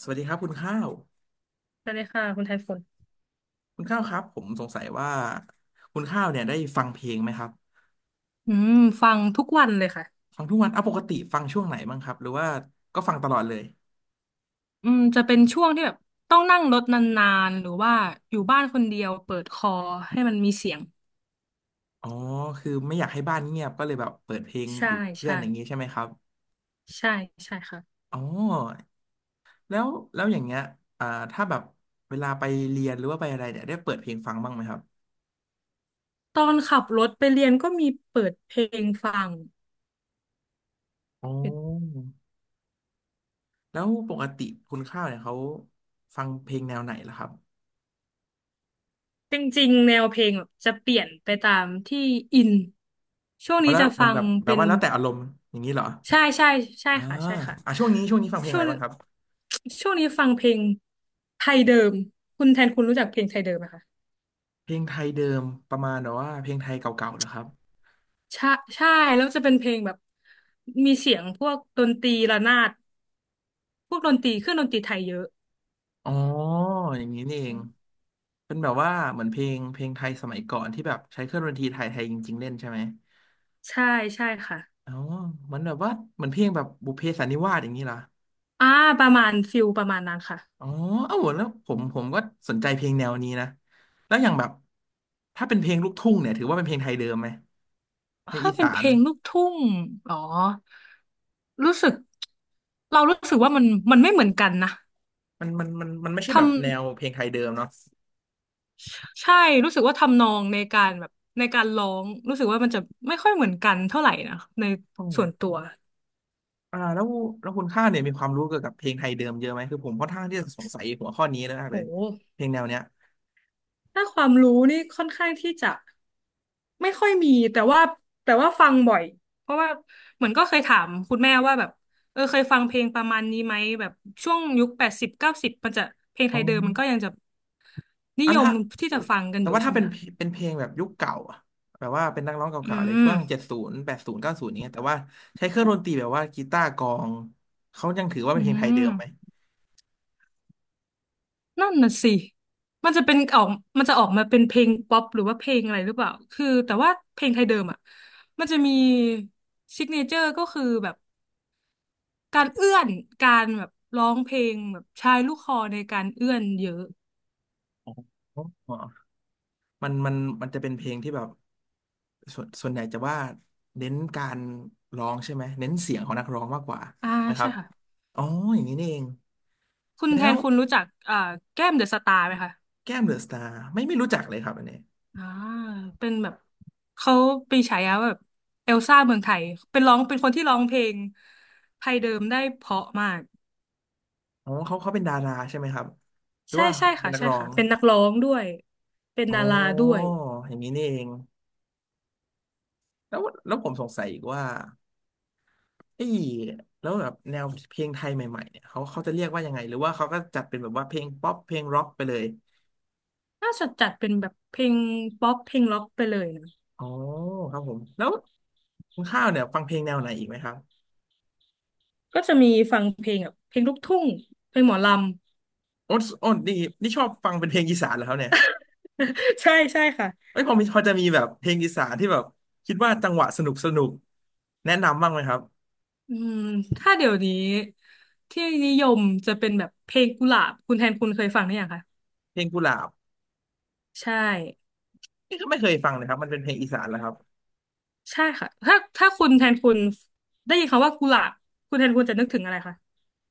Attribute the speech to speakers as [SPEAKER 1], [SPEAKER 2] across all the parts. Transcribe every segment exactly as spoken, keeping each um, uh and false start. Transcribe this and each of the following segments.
[SPEAKER 1] สวัสดีครับคุณข้าว
[SPEAKER 2] สวัสดีค่ะคุณไทฝุ่น
[SPEAKER 1] คุณข้าวครับผมสงสัยว่าคุณข้าวเนี่ยได้ฟังเพลงไหมครับ
[SPEAKER 2] อืมฟังทุกวันเลยค่ะ
[SPEAKER 1] ฟังทุกวันอ่ะปกติฟังช่วงไหนบ้างครับหรือว่าก็ฟังตลอดเลย
[SPEAKER 2] อืมจะเป็นช่วงที่แบบต้องนั่งรถนานๆหรือว่าอยู่บ้านคนเดียวเปิดคอให้มันมีเสียง
[SPEAKER 1] อ๋อคือไม่อยากให้บ้านเงียบก็เลยแบบเปิดเพลง
[SPEAKER 2] ใช่
[SPEAKER 1] อยู่เพื่อน
[SPEAKER 2] ใช่
[SPEAKER 1] อย่างนี้ใช่ไหมครับ
[SPEAKER 2] ใช่ใช่ค่ะ
[SPEAKER 1] อ๋อแล้วแล้วอย่างเงี้ยอ่าถ้าแบบเวลาไปเรียนหรือว่าไปอะไรเนี่ยได้เปิดเพลงฟังบ้างไหมครับ
[SPEAKER 2] ตอนขับรถไปเรียนก็มีเปิดเพลงฟัง
[SPEAKER 1] อ๋อแล้วปกติคุณข้าวเนี่ยเขาฟังเพลงแนวไหนล่ะครับ
[SPEAKER 2] จริงๆแนวเพลงแบบจะเปลี่ยนไปตามที่อินช่วง
[SPEAKER 1] อ๋อ
[SPEAKER 2] นี้
[SPEAKER 1] แล้ว
[SPEAKER 2] จะ
[SPEAKER 1] มั
[SPEAKER 2] ฟั
[SPEAKER 1] นแบ
[SPEAKER 2] ง
[SPEAKER 1] บแบบ
[SPEAKER 2] เป็น
[SPEAKER 1] ว่าแล้วแต่อารมณ์อย่างนี้เหรอ
[SPEAKER 2] ใช่ใช่ใช่
[SPEAKER 1] อ่า
[SPEAKER 2] ค่ะใช่ค่ะ
[SPEAKER 1] อ่ะช่วงนี้ช่วงนี้ฟังเพลง
[SPEAKER 2] ช่
[SPEAKER 1] อะ
[SPEAKER 2] ว
[SPEAKER 1] ไร
[SPEAKER 2] ง
[SPEAKER 1] บ้างครับ
[SPEAKER 2] ช่วงนี้ฟังเพลงไทยเดิมคุณแทนคุณรู้จักเพลงไทยเดิมไหมคะ
[SPEAKER 1] เพลงไทยเดิมประมาณแบบว่าเพลงไทยเก่าๆเหรอครับ
[SPEAKER 2] ใช่ใช่แล้วจะเป็นเพลงแบบมีเสียงพวกดนตรีระนาดพวกดนตรีเครื่องดนตรีไทยเยอะ
[SPEAKER 1] อ๋ออย่างนี้นี่เองเป็นแบบว่าเหมือนเพลงเพลงไทยสมัยก่อนที่แบบใช้เครื่องดนตรีไทยไทยจริงๆเล่นใช่ไหม
[SPEAKER 2] ใช่ใช่ค่ะ
[SPEAKER 1] อ๋อมันแบบว่าเหมือนเพลงแบบบุพเพสันนิวาสอย่างนี้เหรอ
[SPEAKER 2] อ่าประมาณฟิลประมาณนั้นค่ะ
[SPEAKER 1] อ๋อเอ้าแล้วผมผมก็สนใจเพลงแนวนี้นะแล้วอย่างแบบถ้าเป็นเพลงลูกทุ่งเนี่ยถือว่าเป็นเพลงไทยเดิมไหมเพลง
[SPEAKER 2] ถ้า
[SPEAKER 1] อี
[SPEAKER 2] เป็น
[SPEAKER 1] สา
[SPEAKER 2] เพ
[SPEAKER 1] น
[SPEAKER 2] ลงลูกทุ่งอ๋อรู้สึกเรารู้สึกว่ามันมันไม่เหมือนกันนะ
[SPEAKER 1] มันมันมันมันไม่ใช่แบ
[SPEAKER 2] ทำ
[SPEAKER 1] บแนวเพลงไทยเดิมเนาะ
[SPEAKER 2] ใช่รู้สึกว่าทำนองในการแบบในการร้องรู้สึกว่ามันจะไม่ค่อยเหมือนกันเท่าไหร่นะในส่วนตัว
[SPEAKER 1] อ่าแล้วแล้วคุณข้าวเนี่ยมีความรู้เกี่ยวกับเพลงไทยเดิมเยอะไหมคือผมค่อนข้างที่จะสงสัยหัวข้อนี้มากเลย
[SPEAKER 2] โห
[SPEAKER 1] เพลงแนวเนี้ย
[SPEAKER 2] ถ้าความรู้นี่ค่อนข้างที่จะไม่ค่อยมีแต่ว่าแต่ว่าฟังบ่อยเพราะว่าเหมือนก็เคยถามคุณแม่ว่าแบบเออเคยฟังเพลงประมาณนี้ไหมแบบช่วงยุคแปดสิบเก้าสิบมันจะเพลงไท
[SPEAKER 1] อ๋อ
[SPEAKER 2] ยเดิมมันก็ยังจะนิ
[SPEAKER 1] อ่ะ
[SPEAKER 2] ยม
[SPEAKER 1] ถ้า
[SPEAKER 2] ที่จะฟังกัน
[SPEAKER 1] แต่
[SPEAKER 2] อยู่
[SPEAKER 1] ว่า
[SPEAKER 2] ใช่
[SPEAKER 1] ถ้า
[SPEAKER 2] ไหม
[SPEAKER 1] เป็น
[SPEAKER 2] คะ
[SPEAKER 1] เป็นเพลงแบบยุคเก่าอะแบบว่าเป็นนักร้อง
[SPEAKER 2] อื
[SPEAKER 1] เก่าๆเลยช่วง
[SPEAKER 2] ม
[SPEAKER 1] เจ็ดศูนย์แปดศูนย์เก้าศูนย์เนี้ยแต่ว่าใช้เครื่องดนตรีแบบว่ากีตาร์กลองเขายังถือว่า
[SPEAKER 2] อื
[SPEAKER 1] เป็นเพลงไทยเดิ
[SPEAKER 2] ม
[SPEAKER 1] มไหม
[SPEAKER 2] นั่นน่ะสิมันจะเป็นออกมันจะออกมาเป็นเพลงป๊อปหรือว่าเพลงอะไรหรือเปล่าคือแต่ว่าเพลงไทยเดิมอ่ะมันจะมีซิกเนเจอร์ก็คือแบบ การเอื้อนการแบบร้องเพลงแบบใช้ลูกคอในการเอื้อนเยอะ
[SPEAKER 1] อ๋ออ๋อมันมันมันจะเป็นเพลงที่แบบส่วนส่วนใหญ่จะว่าเน้นการร้องใช่ไหมเน้นเสียงของนักร้องมากกว่า
[SPEAKER 2] อ่า
[SPEAKER 1] ถูกไหมค
[SPEAKER 2] ใช่
[SPEAKER 1] รับ
[SPEAKER 2] ค่ะ
[SPEAKER 1] อ๋ออย่างนี้นี่เอง
[SPEAKER 2] คุณ
[SPEAKER 1] แล้
[SPEAKER 2] แท
[SPEAKER 1] ว
[SPEAKER 2] นคุณรู้จักอ่าแก้มเดอะสตาร์ไหมคะ
[SPEAKER 1] แก้มเดอะสตาร์ไม่ไม่รู้จักเลยครับอันนี้
[SPEAKER 2] อ่าเป็นแบบเขาปีฉายาว่าแบบเอลซ่าเมืองไทยเป็นร้องเป็นคนที่ร้องเพลงไทยเดิมได้เพราะมาก
[SPEAKER 1] อ๋อเขาเขาเป็นดาราใช่ไหมครับหรือ
[SPEAKER 2] ใช่
[SPEAKER 1] ว่า
[SPEAKER 2] ใช่
[SPEAKER 1] เป็น
[SPEAKER 2] ค่ะ
[SPEAKER 1] นัก
[SPEAKER 2] ใช่
[SPEAKER 1] ร้อ
[SPEAKER 2] ค่ะ
[SPEAKER 1] ง
[SPEAKER 2] เป็นนักร้องด้วยเป็น
[SPEAKER 1] อ๋อ
[SPEAKER 2] ดาราด้วย
[SPEAKER 1] อย่างนี้นี่เองแล้วแล้วผมสงสัยอีกว่าไอ้ยแล้วแบบแนวเพลงไทยใหม่ๆเนี่ยเขาเขาจะเรียกว่ายังไงหรือว่าเขาก็จัดเป็นแบบว่าเพลงป๊อปเพลงร็อกไปเลย
[SPEAKER 2] น่าจะจัดเป็นแบบเพลงป๊อปเพลงล็อกไปเลยนะ
[SPEAKER 1] อ๋อครับผมแล้วคุณข้าวเนี่ยฟังเพลงแนวไหนอีกไหมครับ
[SPEAKER 2] ก็จะมีฟังเพลงแบบเพลงลูกทุ่งเพลงหมอลำ
[SPEAKER 1] โอ้โอ้นี่นี่ชอบฟังเป็นเพลงอีสานเหรอครับเนี่ย
[SPEAKER 2] ใช่ใช่ค่ะ
[SPEAKER 1] เอ้ยพอมีพอจะมีแบบเพลงอีสานที่แบบคิดว่าจังหวะสนุกสนุกแนะนำบ้างไหมครับ
[SPEAKER 2] อืมถ้าเดี๋ยวนี้ที่นิยมจะเป็นแบบเพลงกุหลาบคุณแทนคุณเคยฟังหรือยังคะ
[SPEAKER 1] เพลงกุหลาบ
[SPEAKER 2] ใช่
[SPEAKER 1] นี่ก็ไม่เคยฟังเลยครับมันเป็นเพลงอีสานแล้วครับ
[SPEAKER 2] ใช่ค่ะถ้าถ้าคุณแทนคุณได้ยินคำว่ากุหลาบคุณแทนคุณจะนึกถึงอะไรคะ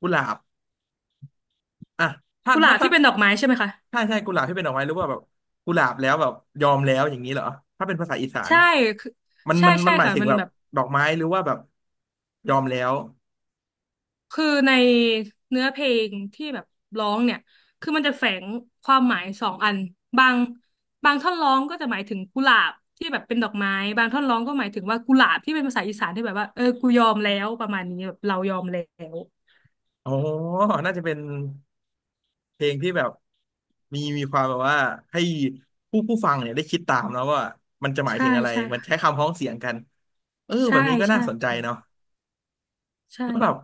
[SPEAKER 1] กุหลาบอ่ะถ้า
[SPEAKER 2] กุห
[SPEAKER 1] ถ้า
[SPEAKER 2] ลาบ
[SPEAKER 1] ถ้า
[SPEAKER 2] ที่เป็นดอกไม้ใช่ไหมคะ
[SPEAKER 1] ถ้าใช่กุหลาบที่เป็นดอกไม้หรือว่าแบบกุหลาบแล้วแบบยอมแล้วอย่างนี้เหรอถ้าเป็นภาษาอีสาน
[SPEAKER 2] ใช่คือ
[SPEAKER 1] มัน
[SPEAKER 2] ใช่
[SPEAKER 1] มันมั
[SPEAKER 2] ใช่
[SPEAKER 1] นหมาย
[SPEAKER 2] ค่ะ
[SPEAKER 1] ถึง
[SPEAKER 2] มัน
[SPEAKER 1] แบบ
[SPEAKER 2] แบบ
[SPEAKER 1] ดอกไม้หรือว่าแบบยอมแล้ว
[SPEAKER 2] คือในเนื้อเพลงที่แบบร้องเนี่ยคือมันจะแฝงความหมายสองอันบางบางท่อนร้องก็จะหมายถึงกุหลาบที่แบบเป็นดอกไม้บางท่อนร้องก็หมายถึงว่ากุหลาบที่เป็นภาษาอีสานที่แบบว่าเออกูยอมแล้วประมาณนี้แบบเรายอมแล้ว
[SPEAKER 1] อ๋อน่าจะเป็นเพลงที่แบบมีมีความแบบว่าให้ผู้ผู้ฟังเนี่ยได้คิดตามแล้วว่ามันจะหมาย
[SPEAKER 2] ใช่
[SPEAKER 1] ถึงอะไร
[SPEAKER 2] ใช่
[SPEAKER 1] มันใช้
[SPEAKER 2] ค่ะ
[SPEAKER 1] คำพ้องเสียงกันเออแบ
[SPEAKER 2] ใช่
[SPEAKER 1] บนี้ก็น่า
[SPEAKER 2] ใช่
[SPEAKER 1] สนใจเนาะ
[SPEAKER 2] ใช่
[SPEAKER 1] แล้วแบบ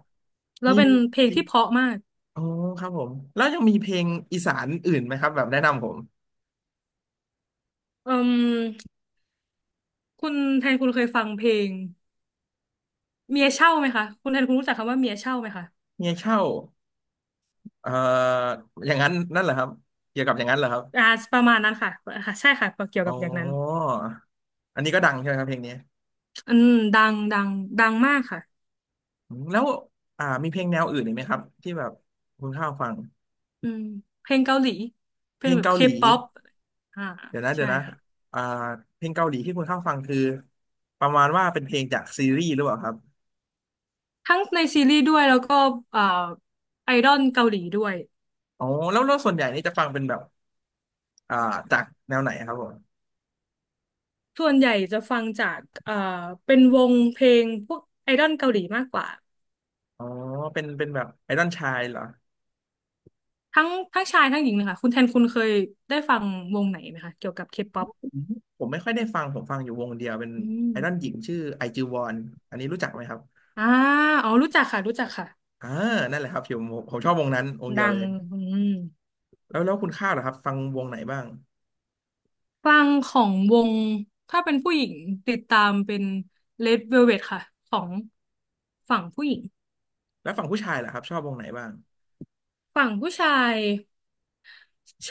[SPEAKER 2] แล้ว
[SPEAKER 1] มี
[SPEAKER 2] เป็นเพลงที่เพราะมาก
[SPEAKER 1] อ๋อครับผมแล้วยังมีเพลงอีสานอื่นไหมครับแบบแนะนำผม
[SPEAKER 2] อืมคุณแทนคุณเคยฟังเพลงเมียเช่าไหมคะคุณแทนคุณรู้จักคำว่าเมียเช่าไหมคะ
[SPEAKER 1] เมียเช่าเอ่ออย่างนั้นนั่นเหรอครับเกี่ยวกับอย่างนั้นเหรอครับ
[SPEAKER 2] อ่าประมาณนั้นค่ะอ่าใช่ค่ะเกี่ยว
[SPEAKER 1] อ๋
[SPEAKER 2] กั
[SPEAKER 1] อ
[SPEAKER 2] บอย่างนั้น
[SPEAKER 1] อันนี้ก็ดังใช่ไหมครับเพลงนี้
[SPEAKER 2] อืมดังดังดังมากค่ะ
[SPEAKER 1] อืมแล้วอ่ามีเพลงแนวอื่นอีกไหมครับที่แบบคุณข้าวฟัง
[SPEAKER 2] อืมเพลงเกาหลีเพ
[SPEAKER 1] เพ
[SPEAKER 2] ล
[SPEAKER 1] ล
[SPEAKER 2] ง
[SPEAKER 1] ง
[SPEAKER 2] แบบ
[SPEAKER 1] เกา
[SPEAKER 2] เค
[SPEAKER 1] หลี
[SPEAKER 2] ป๊อปอ่า
[SPEAKER 1] เดี๋ยวนะเดี๋ย
[SPEAKER 2] ใช่
[SPEAKER 1] วนะ
[SPEAKER 2] ค่ะ
[SPEAKER 1] อ่าเพลงเกาหลีที่คุณข้าวฟังคือประมาณว่าเป็นเพลงจากซีรีส์หรือเปล่าครับ
[SPEAKER 2] ทั้งในซีรีส์ด้วยแล้วก็เอ่อไอดอลเกาหลีด้วย
[SPEAKER 1] อ๋อแล้วแล้วส่วนใหญ่นี่จะฟังเป็นแบบอ่าจากแนวไหนครับผม
[SPEAKER 2] ส่วนใหญ่จะฟังจากเอ่อเป็นวงเพลงพวกไอดอลเกาหลีมากกว่า
[SPEAKER 1] อ๋อเป็นเป็นแบบไอดอลชายเหรอ
[SPEAKER 2] ทั้งทั้งชายทั้งหญิงเลยค่ะคุณแทนคุณเคยได้ฟังวงไหนไหมคะเกี่ยวกับเคป๊อป
[SPEAKER 1] อืมผมไม่ค่อยได้ฟัง ผมฟังอยู่วงเดียวเป็น
[SPEAKER 2] อืม
[SPEAKER 1] ไอดอลหญิงชื่อไอจิวอนอันนี้รู้จักไหมครับ
[SPEAKER 2] อ่าอ๋อรู้จักค่ะรู้จักค่ะ
[SPEAKER 1] อ่านั่นแหละครับผมผมชอบวงนั้นวงเดียว
[SPEAKER 2] ดั
[SPEAKER 1] เล
[SPEAKER 2] ง
[SPEAKER 1] ย
[SPEAKER 2] อืม
[SPEAKER 1] แล้วแล้วคุณข้าวเหรอครับฟังวงไหนบ้าง
[SPEAKER 2] ฟังของวงถ้าเป็นผู้หญิงติดตามเป็น Red Velvet ค่ะของฝั่งผู้หญิง
[SPEAKER 1] แล้วฝั่งผู้ชายเหรอครับชอบวงไหนบ้าง
[SPEAKER 2] ฝั่งผู้ชาย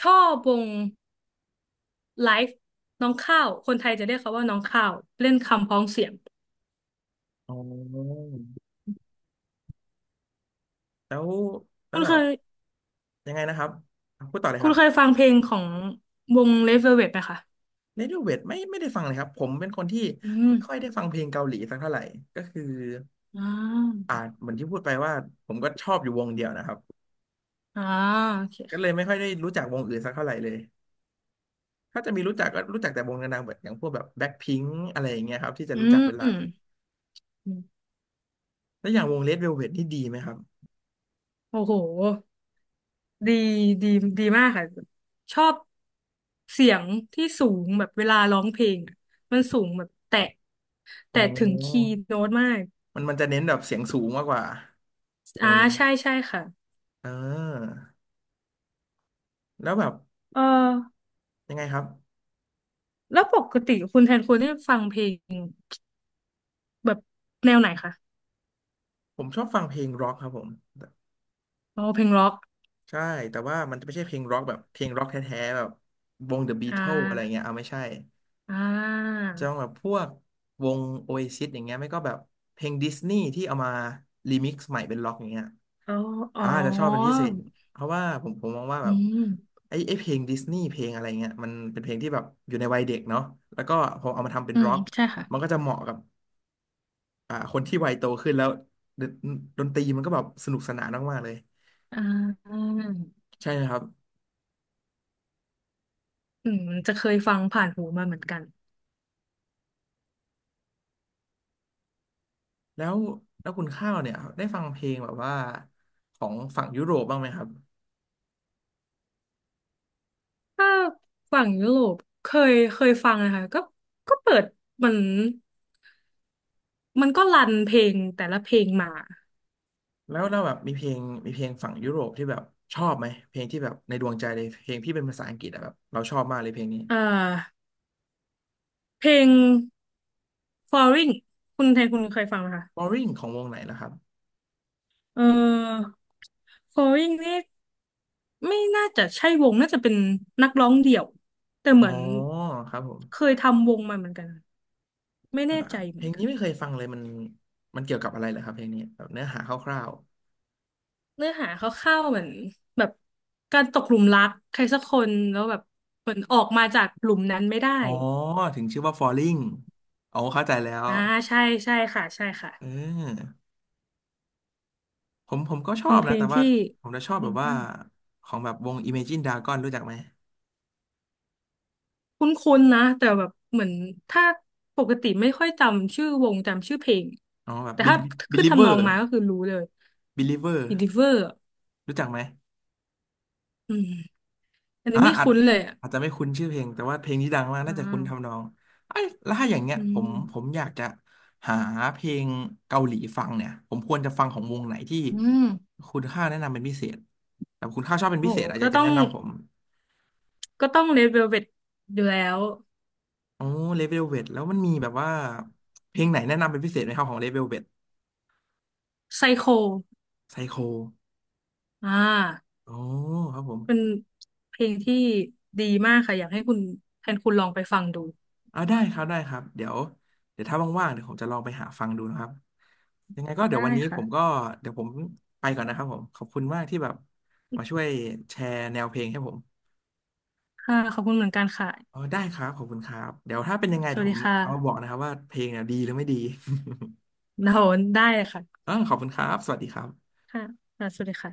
[SPEAKER 2] ชอบวงไลฟ์น้องข้าวคนไทยจะเรียกเขาว่าน้องข้าวเล่นคำพ้องเสียง
[SPEAKER 1] อ๋อแล้วแล้
[SPEAKER 2] คุ
[SPEAKER 1] ว
[SPEAKER 2] ณ
[SPEAKER 1] แบ
[SPEAKER 2] เค
[SPEAKER 1] บ
[SPEAKER 2] ย
[SPEAKER 1] ยังไงนะครับอ่ะพูดต่อเลย
[SPEAKER 2] คุ
[SPEAKER 1] ค
[SPEAKER 2] ณ
[SPEAKER 1] รั
[SPEAKER 2] เคย
[SPEAKER 1] บ
[SPEAKER 2] ฟังเพลงของวง Red Velvet ไหมคะ
[SPEAKER 1] เรดิโอเวทไม่ไม่ได้ฟังเลยครับผมเป็นคนที่
[SPEAKER 2] อื
[SPEAKER 1] ไม่ค่อย
[SPEAKER 2] ม
[SPEAKER 1] ได้ฟังเพลงเกาหลีสักเท่าไหร่ก็คือ
[SPEAKER 2] อ่า
[SPEAKER 1] อ่าเหมือนที่พูดไปว่าผมก็ชอบอยู่วงเดียวนะครับ
[SPEAKER 2] อ่าโอเค
[SPEAKER 1] ก็เลยไม่
[SPEAKER 2] ค่ะ
[SPEAKER 1] ค่อยได้รู้จักวงอื่นสักเท่าไหร่เลย ถ้าจะมีรู้จักก็รู้จักแต่วงดังๆแบบอย่างพวกแบบแบ็คพิงค์อะไรอย่างเงี้ยครับที่จะ
[SPEAKER 2] อื
[SPEAKER 1] รู้จักเป็นหลัก
[SPEAKER 2] ม
[SPEAKER 1] แล้วอย่างวงเลดเวลเวทนี่ดีไหมครับ
[SPEAKER 2] โอ้โห ดีดีดีมากค่ะชอบเสียงที่สูงแบบเวลาร้องเพลงอะมันสูงแบบแตะ
[SPEAKER 1] อ๋
[SPEAKER 2] แต่ถึงคี
[SPEAKER 1] อ
[SPEAKER 2] ย์โน้ตมาก
[SPEAKER 1] มันมันจะเน้นแบบเสียงสูงมากกว่าว
[SPEAKER 2] อ่า
[SPEAKER 1] งนี้
[SPEAKER 2] ใช่ใช่ค่ะ
[SPEAKER 1] เออแล้วแบบ
[SPEAKER 2] เออ
[SPEAKER 1] ยังไงครับ
[SPEAKER 2] แล้วปกติคุณแทนคุณได้ฟังเพลงแบบแนวไหนคะ
[SPEAKER 1] ผมชอบฟังเพลงร็อกครับผม
[SPEAKER 2] อ๋อเพลงร็อก
[SPEAKER 1] ใช่แต่ว่ามันจะไม่ใช่เพลงร็อกแบบเพลงร็อกแท้ๆแบบวง The
[SPEAKER 2] อ่
[SPEAKER 1] Beatles อะไรเงี้ย
[SPEAKER 2] า
[SPEAKER 1] เอาไม่ใช่
[SPEAKER 2] อ่า
[SPEAKER 1] จะต้องแบบพวกวง Oasis อย่างเงี้ยไม่ก็แบบเพลงดิสนีย์ที่เอามารีมิกซ์ใหม่เป็นร็อกอย่างเงี้ย
[SPEAKER 2] อ๋ออ๋อ
[SPEAKER 1] อ่าจะชอบเป็นพิเศษเพราะว่าผมผมมองว่า
[SPEAKER 2] อื
[SPEAKER 1] แบบ
[SPEAKER 2] ม
[SPEAKER 1] ไอ้ไอ้เพลงดิสนีย์เพลงอะไรเงี้ยมันเป็นเพลงที่แบบอยู่ในวัยเด็กเนาะแล้วก็พอเอามาทำเป็น
[SPEAKER 2] อืม
[SPEAKER 1] ร็อก
[SPEAKER 2] ใช่ค่ะ
[SPEAKER 1] มันก็จะเหมาะกับอ่าคนที่วัยโตขึ้นแล้วดนดนตรีมันก็แบบสนุกสนานมากๆเลย
[SPEAKER 2] อ่า
[SPEAKER 1] ใช่ไหครับ
[SPEAKER 2] อืมจะเคยฟังผ่านหูมาเหมือนกัน
[SPEAKER 1] แล้วแล้วคุณข้าวเนี่ยได้ฟังเพลงแบบว่าของฝั่งยุโรปบ้างไหมครับ
[SPEAKER 2] ถ้าฝั่งยุโรปเคยเคยฟังนะคะก็ก็เปิดมันมันก็รันเพลงแต่ละเพลงมา
[SPEAKER 1] แล้วแล้วแบบมีเพลงมีเพลงฝั่งยุโรปที่แบบชอบไหมเพลงที่แบบในดวงใจเลยเพลงที่เป็นภาษาอังกฤษอะแบบเราชอบมากเลยเพลงนี้
[SPEAKER 2] อ่าเพลง Falling คุณแทนคุณเคยฟังไหมคะ
[SPEAKER 1] Boring ของวงไหนล่ะครับ
[SPEAKER 2] เออ Falling นี่ไม่น่าจะใช่วงน่าจะเป็นนักร้องเดี่ยวแต่เห
[SPEAKER 1] อ๋อ
[SPEAKER 2] มือน
[SPEAKER 1] ครับผม
[SPEAKER 2] เคยทำวงมาเหมือนกันไม่
[SPEAKER 1] อ่า
[SPEAKER 2] แน่ใจเห
[SPEAKER 1] เพ
[SPEAKER 2] มื
[SPEAKER 1] ล
[SPEAKER 2] อน
[SPEAKER 1] ง
[SPEAKER 2] กั
[SPEAKER 1] นี้
[SPEAKER 2] น
[SPEAKER 1] ไม่เคยฟังเลยมันมันเกี่ยวกับอะไรเหรอครับเพลงนี้แบบเนื้อหาคร่าว
[SPEAKER 2] เนื้อหาคร่าวๆเหมือนแบบการตกหลุมรักใครสักคนแล้วแบบเหมือนออกมาจากหลุมนั้นไม่ได้
[SPEAKER 1] ๆอ๋อถึงชื่อว่า Falling อ๋อเข้าใจแล้ว
[SPEAKER 2] อ่าใช่ใช่ค่ะใช่ค่ะ
[SPEAKER 1] เออผมผมก็ชอ
[SPEAKER 2] เป็น
[SPEAKER 1] บ
[SPEAKER 2] เพ
[SPEAKER 1] นะ
[SPEAKER 2] ลง
[SPEAKER 1] แต่ว่า
[SPEAKER 2] ที่
[SPEAKER 1] ผมจะชอบแบ
[SPEAKER 2] ดี
[SPEAKER 1] บว่า
[SPEAKER 2] มาก
[SPEAKER 1] ของแบบวง Imagine Dragon รู้จักไหม
[SPEAKER 2] คุ้นๆนะแต่แบบเหมือนถ้าปกติไม่ค่อยจำชื่อวงจำชื่อเพลง
[SPEAKER 1] อ๋อแบบ
[SPEAKER 2] แต่ถ้า
[SPEAKER 1] Bel-
[SPEAKER 2] ขึ้นทำน
[SPEAKER 1] Believer
[SPEAKER 2] องมาก็คือรู้เลย I n
[SPEAKER 1] Believer
[SPEAKER 2] ดิเวอร์
[SPEAKER 1] รู้จักไหม
[SPEAKER 2] อืมอันนี้
[SPEAKER 1] อ่า
[SPEAKER 2] ไม่
[SPEAKER 1] อาจ
[SPEAKER 2] คุ้นเลยอ่ะ
[SPEAKER 1] อาจจะไม่คุ้นชื่อเพลงแต่ว่าเพลงที่ดังมาก
[SPEAKER 2] อ่
[SPEAKER 1] น่าจะคุ้นทำนอ
[SPEAKER 2] า
[SPEAKER 1] งไอ้ยแล้วถ้าอย่างเงี้ย
[SPEAKER 2] อื
[SPEAKER 1] ผมผ
[SPEAKER 2] ม
[SPEAKER 1] มอยากจะหาเพลงเกาหลีฟังเนี่ยผมควรจะฟังของวงไหนที่
[SPEAKER 2] อืม
[SPEAKER 1] คุณค่าแนะนำเป็นพิเศษแบบคุณค่าชอบเป็น
[SPEAKER 2] โห
[SPEAKER 1] พิเศษอะอ
[SPEAKER 2] ก็
[SPEAKER 1] ยากจะ
[SPEAKER 2] ต้อ
[SPEAKER 1] แนะ
[SPEAKER 2] ง
[SPEAKER 1] นำผม
[SPEAKER 2] ก็ต้อง Red Velvet อยู่แล้ว
[SPEAKER 1] โอ้เลเวลเวทแล้วมันมีแบบว่าเพลงไหนแนะนำเป็นพิเศษไหมครับของเลเวลเวท
[SPEAKER 2] ไซโค
[SPEAKER 1] ไซโค
[SPEAKER 2] อ่า
[SPEAKER 1] โอ้ครับผม
[SPEAKER 2] เป็นเพลงที่ดีมากค่ะอยากให้คุณแทนคุณลองไปฟังดู
[SPEAKER 1] อ่าได้ครับได้ครับเดี๋ยวเดี๋ยวถ้าว่างๆเดี๋ยวผมจะลองไปหาฟังดูนะครับยังไงก็เดี๋ย
[SPEAKER 2] ได้
[SPEAKER 1] ววันนี้ผมก็
[SPEAKER 2] ค่ะ
[SPEAKER 1] เดี๋ยวผมไปก่อนนะครับผมขอบคุณมากที่แบบมาช่วยแชร์แนวเพลงให้ผม
[SPEAKER 2] ค่ะขอบคุณเหมือนกันค่ะ
[SPEAKER 1] อ๋อได้ครับขอบคุณครับเดี๋ยวถ้าเป็นยังไง
[SPEAKER 2] ส
[SPEAKER 1] เดี๋
[SPEAKER 2] วั
[SPEAKER 1] ยว
[SPEAKER 2] ส
[SPEAKER 1] ผ
[SPEAKER 2] ดี
[SPEAKER 1] ม
[SPEAKER 2] ค่
[SPEAKER 1] เอามาบอก
[SPEAKER 2] ะ
[SPEAKER 1] นะครับว่าเพลงเนี่ยดีหรือไม่ดี
[SPEAKER 2] เราได้เลยค่ะ
[SPEAKER 1] อ่าขอบคุณครับสวัสดีครับ
[SPEAKER 2] ค่ะสวัสดีค่ะ